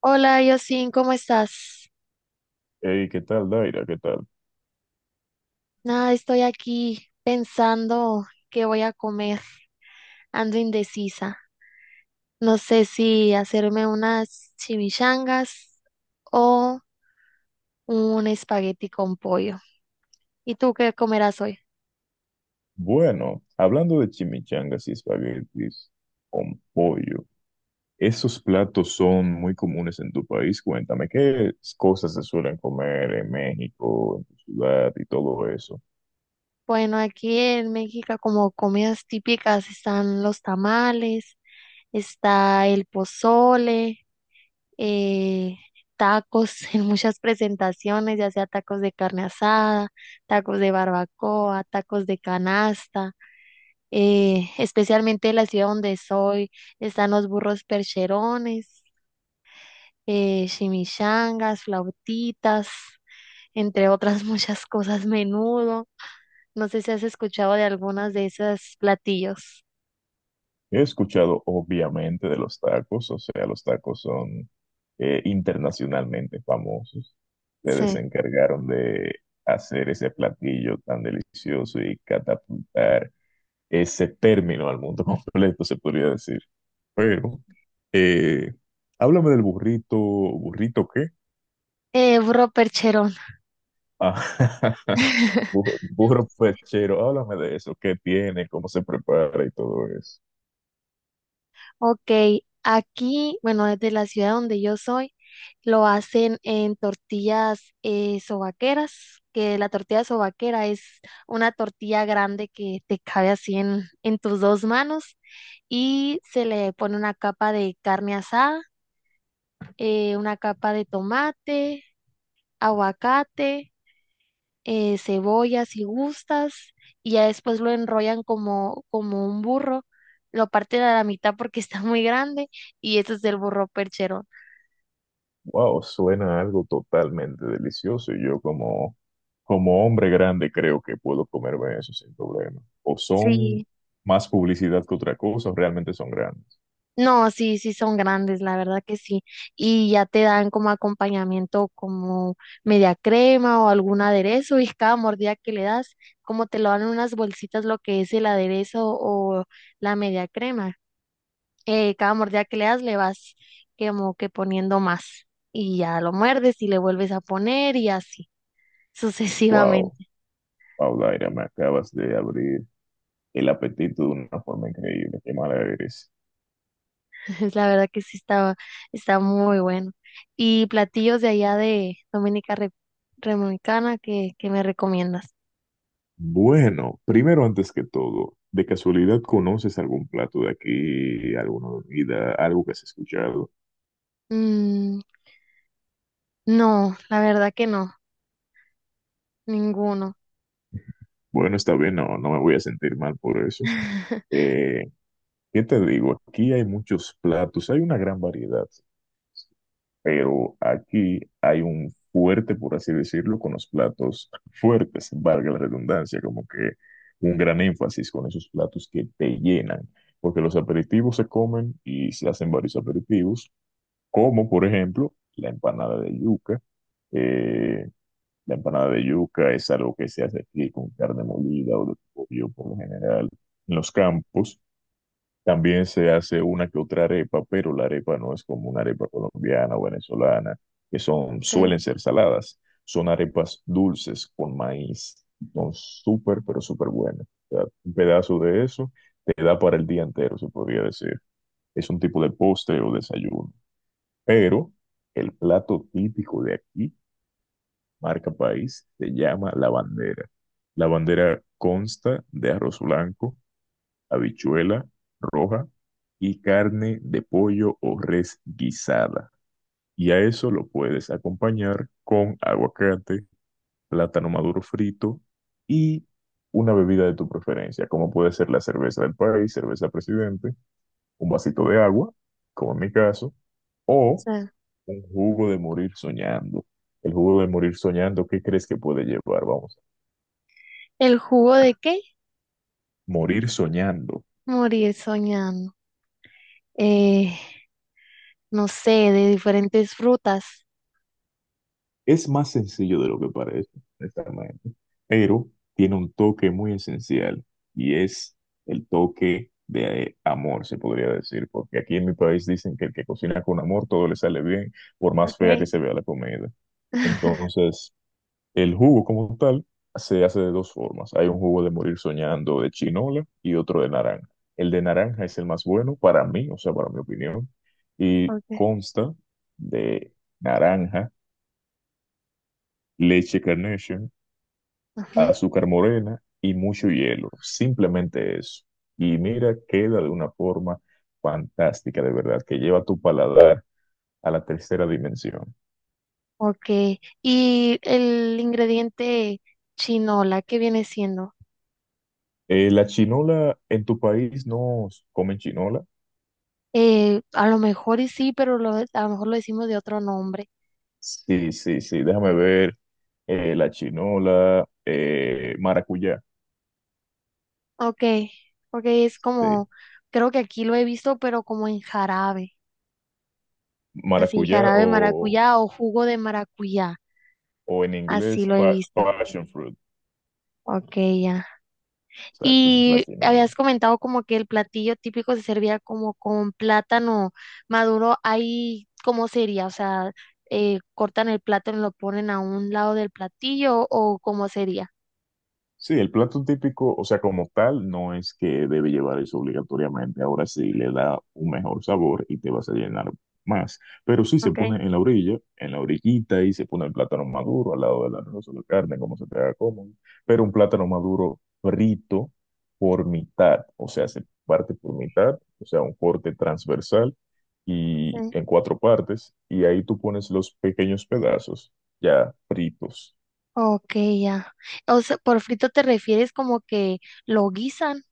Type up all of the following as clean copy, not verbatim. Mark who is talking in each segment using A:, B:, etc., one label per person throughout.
A: Hola, Yosin, ¿cómo estás?
B: Hey, ¿qué tal, Daira? ¿Qué tal?
A: Nada, estoy aquí pensando qué voy a comer. Ando indecisa. No sé si hacerme unas chimichangas o un espagueti con pollo. ¿Y tú qué comerás hoy?
B: Bueno, hablando de chimichangas y espaguetis con pollo, esos platos son muy comunes en tu país. Cuéntame, ¿qué cosas se suelen comer en México, en tu ciudad y todo eso?
A: Bueno, aquí en México como comidas típicas están los tamales, está el pozole, eh, tacos en muchas presentaciones, ya sea tacos de carne asada, tacos de barbacoa, tacos de canasta. Especialmente en la ciudad donde soy, están los burros percherones, chimichangas, flautitas, entre otras muchas cosas, menudo. No sé si has escuchado de algunas de esos platillos.
B: He escuchado, obviamente, de los tacos, o sea, los tacos son internacionalmente famosos. Ustedes se
A: Sí.
B: encargaron de hacer ese platillo tan delicioso y catapultar ese término al mundo completo, se podría decir. Pero, eh, háblame del burrito, ¿burrito qué?
A: Burro percherón.
B: Ah, burro perchero, háblame de eso, qué tiene, cómo se prepara y todo eso.
A: Ok, aquí, bueno, desde la ciudad donde yo soy, lo hacen en tortillas sobaqueras, que la tortilla sobaquera es una tortilla grande que te cabe así en tus dos manos y se le pone una capa de carne asada, una capa de tomate, aguacate, cebolla si gustas y ya después lo enrollan como un burro, lo parten a la mitad porque está muy grande y ese es el burro percherón.
B: Wow, suena algo totalmente delicioso y yo como, como hombre grande creo que puedo comerme eso sin problema. ¿O son
A: Sí.
B: más publicidad que otra cosa, o realmente son grandes?
A: No, sí, sí son grandes, la verdad que sí. Y ya te dan como acompañamiento como media crema o algún aderezo y cada mordida que le das, como te lo dan en unas bolsitas lo que es el aderezo o la media crema. Cada mordida que le das le vas como que poniendo más y ya lo muerdes y le vuelves a poner y así
B: Wow,
A: sucesivamente.
B: Paulaira, me acabas de abrir el apetito de una forma increíble, qué mala eres.
A: La verdad que sí estaba, está muy bueno. Y platillos de allá de Dominicana que me recomiendas.
B: Bueno, primero antes que todo, ¿de casualidad conoces algún plato de aquí, alguna bebida, algo que has escuchado?
A: Mm, no, la verdad que no, ninguno.
B: Bueno, está bien, no, no me voy a sentir mal por eso. Eh, ¿Qué te digo? Aquí hay muchos platos, hay una gran variedad, pero aquí hay un fuerte, por así decirlo, con los platos fuertes, valga la redundancia, como que un gran énfasis con esos platos que te llenan, porque los aperitivos se comen y se hacen varios aperitivos como por ejemplo la empanada de yuca. Eh, la empanada de yuca es algo que se hace aquí con carne molida o de pollo por lo general en los campos. También se hace una que otra arepa, pero la arepa no es como una arepa colombiana o venezolana, que son,
A: De-
B: suelen
A: o
B: ser saladas. Son arepas dulces con maíz. Son súper, pero súper buenas. O sea, un pedazo de eso te da para el día entero, se podría decir. Es un tipo de postre o desayuno. Pero el plato típico de aquí, marca país, se llama la bandera. La bandera consta de arroz blanco, habichuela roja y carne de pollo o res guisada. Y a eso lo puedes acompañar con aguacate, plátano maduro frito y una bebida de tu preferencia, como puede ser la cerveza del país, cerveza presidente, un vasito de agua, como en mi caso, o un jugo de morir soñando. El jugo de morir soñando, ¿qué crees que puede llevar? Vamos,
A: ¿El jugo de qué?
B: morir soñando.
A: Morir soñando. Eh, no sé, de diferentes frutas.
B: Es más sencillo de lo que parece, honestamente, pero tiene un toque muy esencial y es el toque de amor, se podría decir, porque aquí en mi país dicen que el que cocina con amor todo le sale bien, por más fea que
A: Okay.
B: se vea la comida. Entonces, el jugo como tal se hace de dos formas. Hay un jugo de morir soñando de chinola y otro de naranja. El de naranja es el más bueno para mí, o sea, para mi opinión, y
A: Okay.
B: consta de naranja, leche Carnation,
A: Ujú.
B: azúcar morena y mucho hielo. Simplemente eso. Y mira, queda de una forma fantástica, de verdad, que lleva tu paladar a la tercera dimensión.
A: Okay. Y el ingrediente chinola, ¿qué viene siendo?
B: La chinola, en tu país no comen chinola.
A: A lo mejor y sí, pero a lo mejor lo decimos de otro nombre.
B: Sí, sí, sí, déjame ver. La chinola, maracuyá,
A: Ok, ok, es
B: sí,
A: como, creo que aquí lo he visto, pero como en jarabe, así,
B: maracuyá
A: jarabe de maracuyá o jugo de maracuyá,
B: o en
A: así
B: inglés
A: lo he visto.
B: passion fruit,
A: Ok, ya.
B: exacto, esa es la
A: Y
B: chinola.
A: habías comentado como que el platillo típico se servía como con plátano maduro. Ahí, ¿cómo sería? O sea, cortan el plátano y lo ponen a un lado del platillo o cómo sería.
B: Sí, el plato típico, o sea, como tal, no es que debe llevar eso obligatoriamente. Ahora sí le da un mejor sabor y te vas a llenar más. Pero sí se
A: Ok,
B: pone en la orilla, en la orillita y se pone el plátano maduro al lado del arroz o la carne, como se te haga cómodo. Pero un plátano maduro frito por mitad, o sea, se parte por mitad, o sea, un corte transversal y
A: sí.
B: en cuatro partes. Y ahí tú pones los pequeños pedazos ya fritos.
A: Ok, ya. O sea, por frito te refieres como que lo guisan.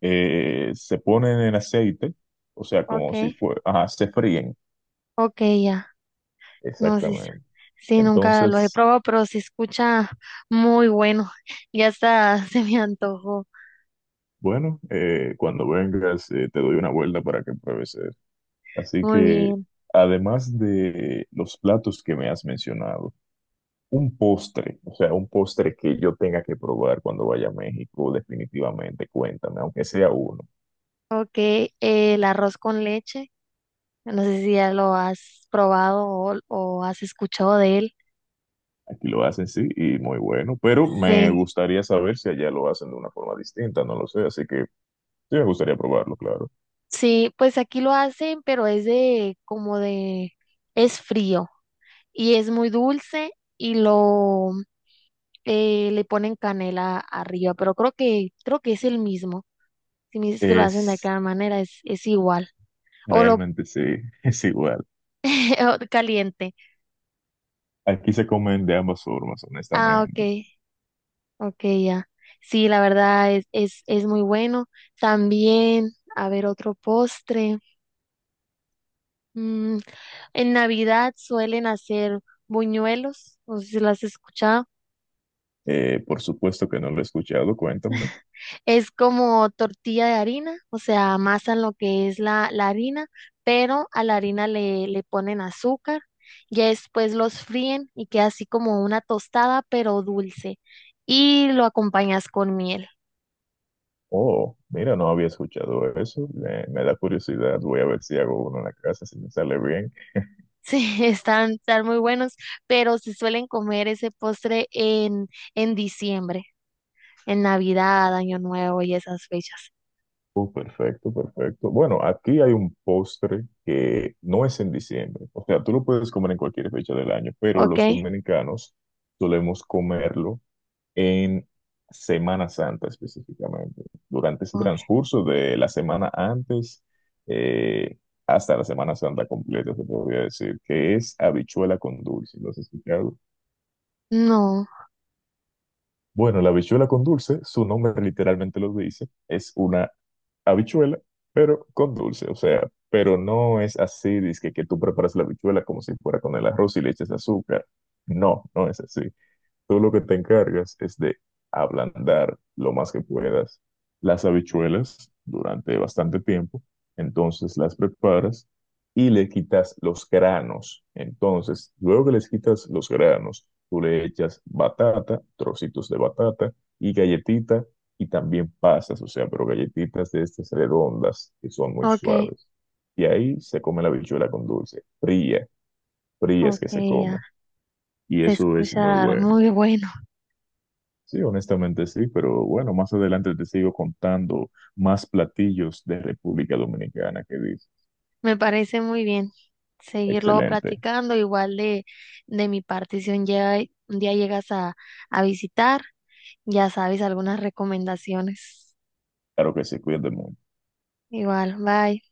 B: Se ponen en aceite, o sea,
A: Ok,
B: como si fuera, ajá, se fríen,
A: ok, ya. No, sí, sí,
B: exactamente.
A: sí, nunca lo he
B: Entonces,
A: probado, pero se escucha muy bueno. Ya está, se me antojó.
B: bueno, cuando vengas, te doy una vuelta para que pruebes eso. Así
A: Muy
B: que,
A: bien.
B: además de los platos que me has mencionado, un postre, o sea, un postre que yo tenga que probar cuando vaya a México, definitivamente, cuéntame, aunque sea uno.
A: Ok, el arroz con leche. No sé si ya lo has probado o has escuchado de él.
B: Aquí lo hacen, sí, y muy bueno, pero me
A: Sí,
B: gustaría saber si allá lo hacen de una forma distinta, no lo sé, así que sí me gustaría probarlo, claro.
A: sí, pues aquí lo hacen, pero es es frío y es muy dulce y lo le ponen canela arriba, pero creo que es el mismo. Si me dices que lo hacen de
B: Es
A: cada manera, es igual. O lo
B: realmente sí, es igual.
A: o caliente.
B: Aquí se comen de ambas formas,
A: Ah, ok,
B: honestamente.
A: ok, ya. Sí, la verdad es muy bueno. También, a ver, otro postre. Mm, en Navidad suelen hacer buñuelos, no sé si lo has escuchado.
B: Por supuesto que no lo he escuchado, cuéntame.
A: Es como tortilla de harina, o sea, amasan lo que es la harina, pero a la harina le ponen azúcar, ya después los fríen y queda así como una tostada, pero dulce, y lo acompañas con miel.
B: Oh, mira, no había escuchado eso. Me da curiosidad. Voy a ver si hago uno en la casa, si me sale bien.
A: Sí, están, están muy buenos, pero se suelen comer ese postre en diciembre, en Navidad, Año Nuevo y esas fechas.
B: Oh, perfecto, perfecto. Bueno, aquí hay un postre que no es en diciembre. O sea, tú lo puedes comer en cualquier fecha del año, pero
A: ¿Ok?
B: los dominicanos solemos comerlo en Semana Santa específicamente. Durante ese
A: Ok.
B: transcurso de la semana antes eh, hasta la Semana Santa completa, se podría decir, que es habichuela con dulce. ¿Lo has escuchado?
A: No,
B: Bueno, la habichuela con dulce, su nombre literalmente lo dice, es una habichuela, pero con dulce, o sea, pero no es así, dice que tú preparas la habichuela como si fuera con el arroz y le echas azúcar. No, no es así. Tú lo que te encargas es de ablandar lo más que puedas las habichuelas durante bastante tiempo. Entonces las preparas y le quitas los granos. Entonces, luego que les quitas los granos, tú le echas batata, trocitos de batata y galletita y también pasas, o sea, pero galletitas de estas redondas que son muy
A: ok,
B: suaves. Y ahí se come la habichuela con dulce, fría, fría es
A: ok,
B: que se come.
A: ya.
B: Y
A: Se
B: eso es muy
A: escucha
B: bueno.
A: muy bueno.
B: Sí, honestamente sí, pero bueno, más adelante te sigo contando más platillos de República Dominicana que dice.
A: Me parece muy bien seguirlo
B: Excelente.
A: platicando. Igual de mi parte, si un día, un día llegas a visitar, ya sabes algunas recomendaciones.
B: Claro que sí, cuídate mucho.
A: Igual, bye.